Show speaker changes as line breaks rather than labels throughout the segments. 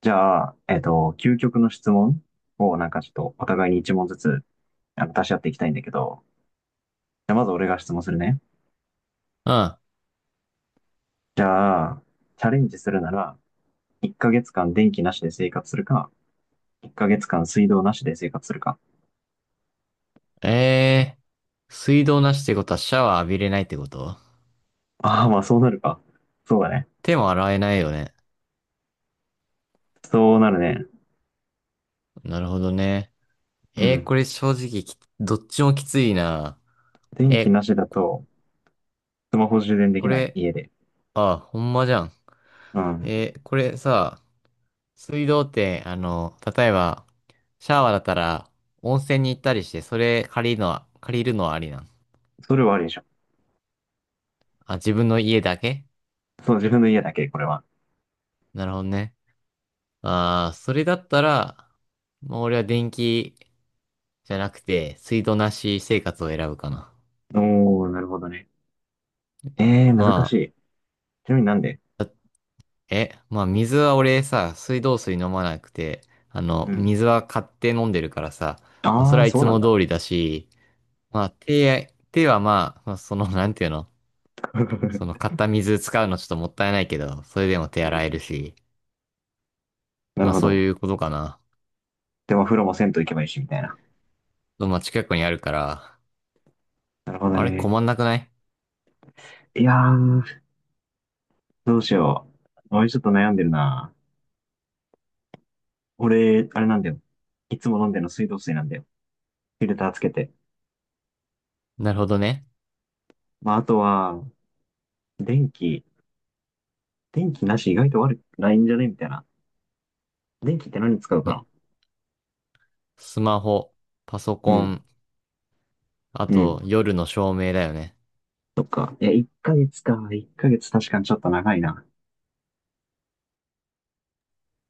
じゃあ、究極の質問をなんかちょっとお互いに一問ずつ出し合っていきたいんだけど、じゃあまず俺が質問するね。
うん。
じゃあ、チャレンジするなら、1ヶ月間電気なしで生活するか、1ヶ月間水道なしで生活するか。
え水道なしってことはシャワー浴びれないってこと、
ああ、まあそうなるか。そうだね。
手も洗えないよね。
そうなるね。
なるほどね。
うん。
これ正直き、どっちもきついな。
電気
え、
なしだと、スマホ充電でき
こ
ない
れ、
家で。
あ、ほんまじゃん。
うん。
これさ、水道って、例えば、シャワーだったら、温泉に行ったりして、それ借りるのは、借りるのはありなん？
それはありでしょ。
あ、自分の家だけ？
そう、自分の家だけ、これは。
なるほどね。ああ、それだったら、まあ、俺は電気じゃなくて、水道なし生活を選ぶかな。
おー、なるほどね。えー、
ま
難しい。ちなみになんで？
あ、だえ、まあ水は俺さ、水道水飲まなくて、あの、
うん。
水は買って飲んでるからさ、まあそ
あ
れ
あ、
はい
そう
つ
なん
も
だ。
通りだし、手はまあ、まあその、なんていうの、その 買った水使うのちょっともったいないけど、それでも手
う
洗え
ん。
るし、
な
ま
る
あ
ほ
そう
ど。
いうことかな。
でもお風呂も銭湯行けばいいし、みたいな。
まあ近くにあるから、
なるほど
あれ
ね。
困んなくない？
いやー、どうしよう。俺ちょっと悩んでるな。俺、あれなんだよ。いつも飲んでるの水道水なんだよ。フィルターつけて。
なるほどね。
まあ、あとは、電気。電気なし意外と悪くないんじゃねみたいな。電気って何に使うか
の
な？
スマホ、パソ
う
コ
ん。
ン、あ
うん。
と夜の照明だよね。
そっか。いや、1ヶ月か。1ヶ月確かにちょっと長いな。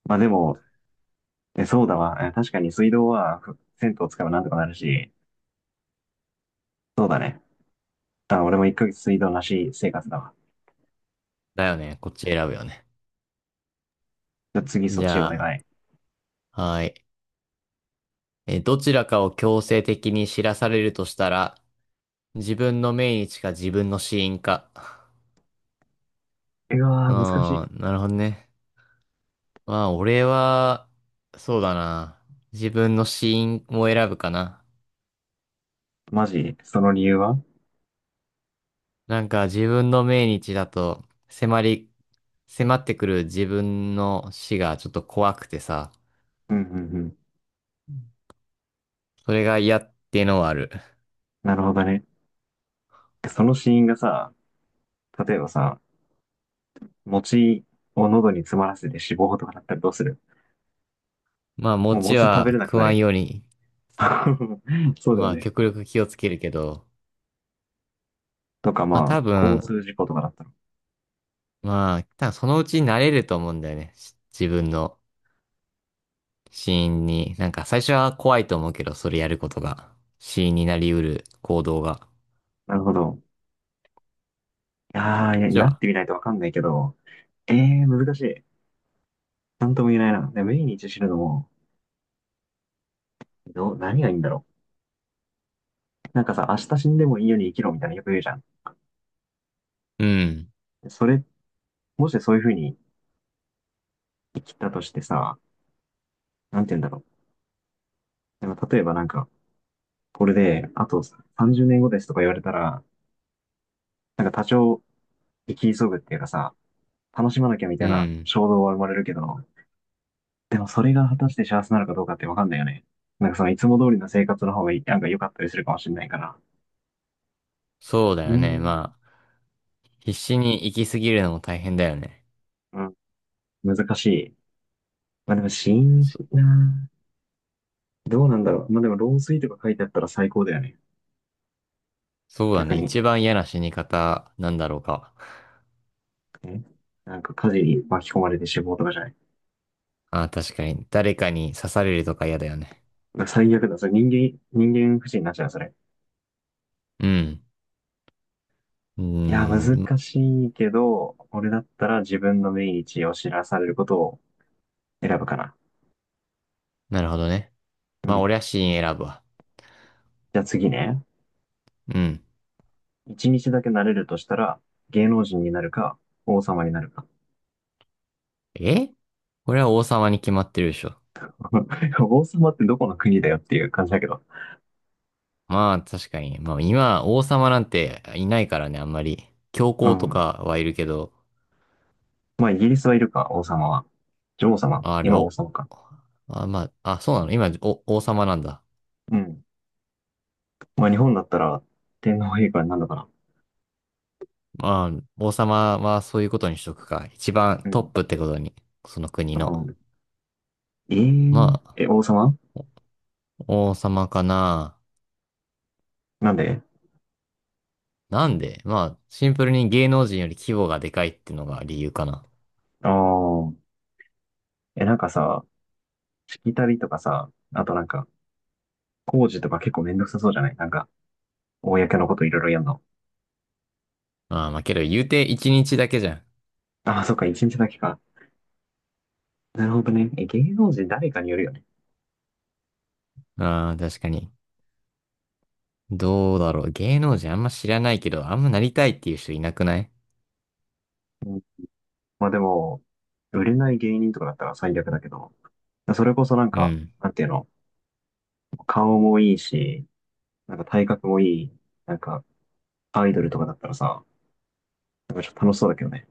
まあでも、え、そうだわ。え確かに水道は、銭湯使えばなんとかなるし。そうだね。あ、俺も1ヶ月水道なし生活だわ。
だよね。こっち選ぶよね。
じゃあ次そっ
じ
ちお願
ゃ
い。
あ、はい。えー、どちらかを強制的に知らされるとしたら、自分の命日か自分の死因か。
うわ
うー
ー、難しい。
ん、なるほどね。まあ、俺は、そうだな。自分の死因を選ぶかな。
マジその理由は？
なんか、自分の命日だと、迫り、迫ってくる自分の死がちょっと怖くてさ、
うんうんうん。
それが嫌っていうのはある。
なるほどね。その死因がさ、例えばさ、餅を喉に詰まらせて死亡とかだったらどうする？
まあ、
もう
餅
餅食べ
は
れなく
食
な
わ
る
ん
よ。
ように、
そうだよ
まあ、
ね。
極力気をつけるけど、
とか
まあ
まあ、
多
交
分、
通事故とかだったら。
まあ、多分そのうち慣れると思うんだよね。し自分の死因に。なんか最初は怖いと思うけど、それやることが。死因になりうる行動が。
なるほど。いやー、い
こっ
や
ち
なっ
は。
てみないとわかんないけど、えー、難しい。なんとも言えないな。で、命日死ぬのも、何がいいんだろう。なんかさ、明日死んでもいいように生きろみたいなよく言うじゃん。
うん。
それ、もしそういうふうに生きたとしてさ、なんて言うんだろう。なんか例えばなんか、これで、あと30年後ですとか言われたら、なんか多少、生き急ぐっていうかさ、楽しまなきゃみた
う
いな
ん。
衝動は生まれるけど、でもそれが果たして幸せなのかどうかってわかんないよね。なんかそのいつも通りの生活の方がいい、なんか良かったりするかもしれないから。
そうだ
うー
よね。
ん、
まあ、必死に生きすぎるのも大変だよね。
うん、難しい。まあでも、新
そ、
しいなぁ。どうなんだろう。まあでも、老衰とか書いてあったら最高だよね。
そうだ
逆
ね。
に。
一番嫌な死に方なんだろうか。
えなんか火事に巻き込まれて死亡とかじゃない？
ああ、確かに。誰かに刺されるとか嫌だよね。
なんか最悪だ。それ人間不信になっちゃう、それ。
うん。う
いや、
ー
難
ん。
しいけど、俺だったら自分の命日を知らされることを選ぶかな。
なるほどね。
う
まあ、
ん。
俺は死因選ぶわ。
じゃあ次ね。
うん。
一日だけなれるとしたら、芸能人になるか、王様になるか。
えこれは王様に決まってるでしょ。
王様ってどこの国だよっていう感じだけど。
まあ、確かに。まあ、今、王様なんていないからね、あんまり。教
う
皇と
ん。
かはいるけど、
まあ、イギリスはいるか、王様は。女王様
あれ、
今王
お、
様か。
あ、まあ、あ、そうなの？今、お、王様なんだ。
うん。まあ、日本だったら、天皇陛下になるのかな。
まあ、王様はそういうことにしとくか。一番
う
トッ
ん。
プってことに、その国
う
の。
ん、えー、
まあ、
王様
王様かな。
なんで？
なんで、まあ、シンプルに芸能人より規模がでかいってのが理由かな。
ああー。え、なんかさ、しきたりとかさ、あとなんか、工事とか結構めんどくさそうじゃない？なんか、公のこといろいろやんの。
ああ、まあけど言うて一日だけじゃん。
ああ、そっか、一日だけか。なるほどね。え、芸能人誰かによるよね。
ああ、確かに。どうだろう。芸能人あんま知らないけど、あんまなりたいっていう人いなくない？
うん、まあでも、売れない芸人とかだったら最悪だけど、それこそなん
う
か、
ん。
なんていうの、顔もいいし、なんか体格もいい、なんか、アイドルとかだったらさ、なんかちょっと楽しそうだけどね。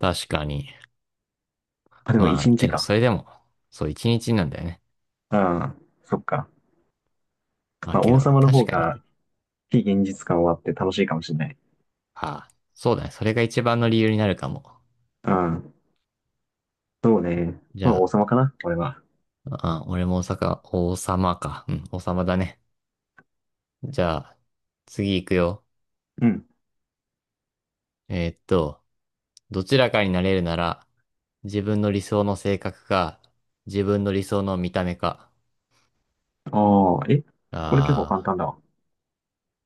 確かに。
あ、でも
ま
一
あ、
日
けど、
か。
それでも、そう、一日なんだよね。
うん、そっか。
まあ、
まあ
け
王
ど、
様の
確
方
かに。
が、非現実感はあって楽しいかもしれない。
ああ、そうだね。それが一番の理由になるかも。
うん、そうね。
じ
まあ王
ゃ
様かな、俺は。
あ、あ、俺も大阪、王様か。うん、王様だね。じゃあ、次行くよ。
うん。
えーっと、どちらかになれるなら、自分の理想の性格か、自分の理想の見た目か。
ああ、え、これ結構簡
あ
単だわ。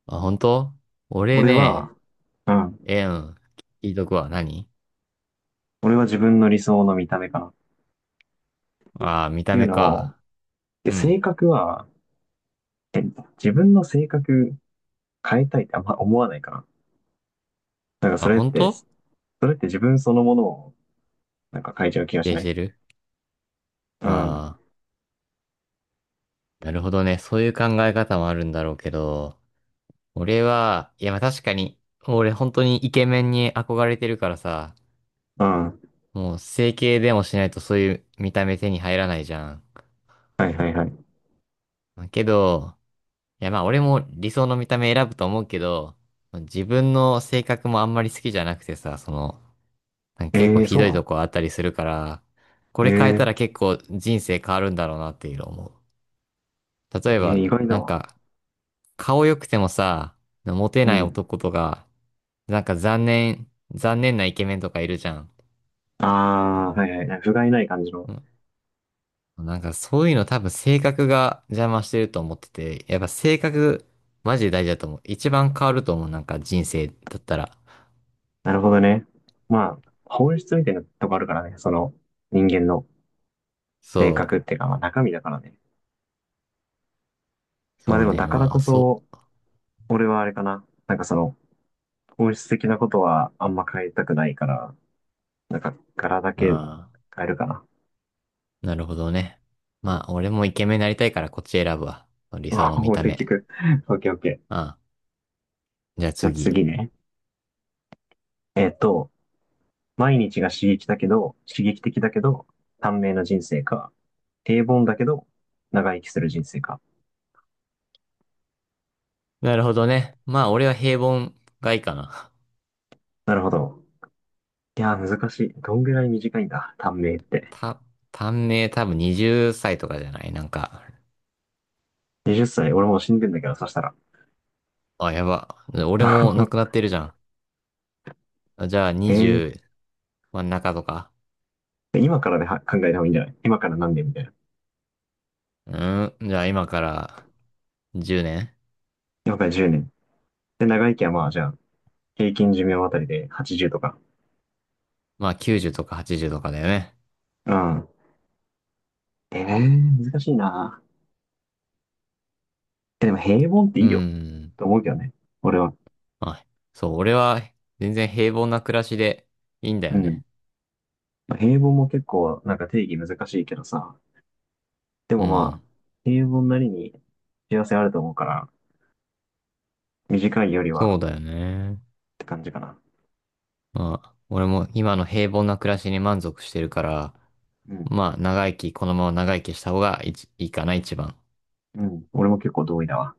ーあ、本当？俺
俺は、
ね、
うん。
えーうん、聞いとくわ。何？
俺は自分の理想の見た目かな。っ
ああー、見
て
た
いう
目
のも、
か。
で
う
性
ん。
格は、自分の性格変えたいってあんま思わないかな。なんかそ
あ、
れっ
本
て、そ
当？
れって自分そのものを、なんか変えちゃう気がし
定
な
し
い？
てる
うん。うん。
ああー、なるほどね。そういう考え方もあるんだろうけど、俺は、いや、まあ確かに、俺本当にイケメンに憧れてるからさ、
は
もう整形でもしないとそういう見た目手に入らないじゃん。
いはいはい。
まあけど、いやまあ俺も理想の見た目選ぶと思うけど、自分の性格もあんまり好きじゃなくてさ、その、なんか
え
結構
ー、
ひ
そう
ど
な
いと
の？
こあったりするから、こ
え
れ変えたら
ー、
結構人生変わるんだろうなっていうのを思う。例えば、
意外だ
なん
わ。
か、顔良くてもさ、モテ
う
ない
ん。
男とか、残念なイケメンとかいるじゃん。
ああ、はいはい。不甲斐ない感じの。
うんなんかそういうの多分性格が邪魔してると思ってて、やっぱ性格マジで大事だと思う。一番変わると思う、なんか人生だったら。
なるほどね。まあ、本質みたいなとこあるからね。その、人間の性
そ
格っていうか、まあ中身だからね。まあ
そ
で
う
も
ね、
だから
まあ、
こ
そ
そ、俺はあれかな。なんかその、本質的なことはあんま変えたくないから、なんか柄だ
う、
け
あ
変えるかな。
あ、なるほどね。
う
まあ、
ん。
俺もイケメンになりたいからこっち選ぶわ。理想 の見
もう
た
結
目。
局。オッケーオッケー。
ああ、じゃあ
じゃあ次
次。
ね。えっと、毎日が刺激的だけど、短命な人生か。平凡だけど、長生きする人生か。
なるほどね。まあ、俺は平凡がいいかな。
なるほど。いやー、難しい。どんぐらい短いんだ、短命って。
た、短命多分20歳とかじゃない？なんか、
20歳、俺もう死んでんだけど、そしたら。
あ、やば。俺も亡く なってるじゃん。あじゃあ
え
20真ん中とか。
今からでは考えた方がいいんじゃない？今から何年みたいな。
うん。じゃあ今から10年
了解10年。で、長生きはまあ、じゃあ、平均寿命あたりで80とか。
まあ90とか80とかだよね。
うん。ええー、難しいな。え、でも平凡って
う
いいよ。
ん。
と思うけどね。俺は。
まあ、そう、俺は全然平凡な暮らしでいいんだ
う
よ
ん。
ね。
まあ平凡も結構、なんか定義難しいけどさ。で
う
もまあ、
ん。
平凡なりに幸せあると思うから、短いよりは
そ
っ
うだよね。
て感じかな。
まあ、俺も今の平凡な暮らしに満足してるから、
うん。
まあ長生き、このまま長生きした方がいちいいかな、一番。
うん。俺も結構同意だわ。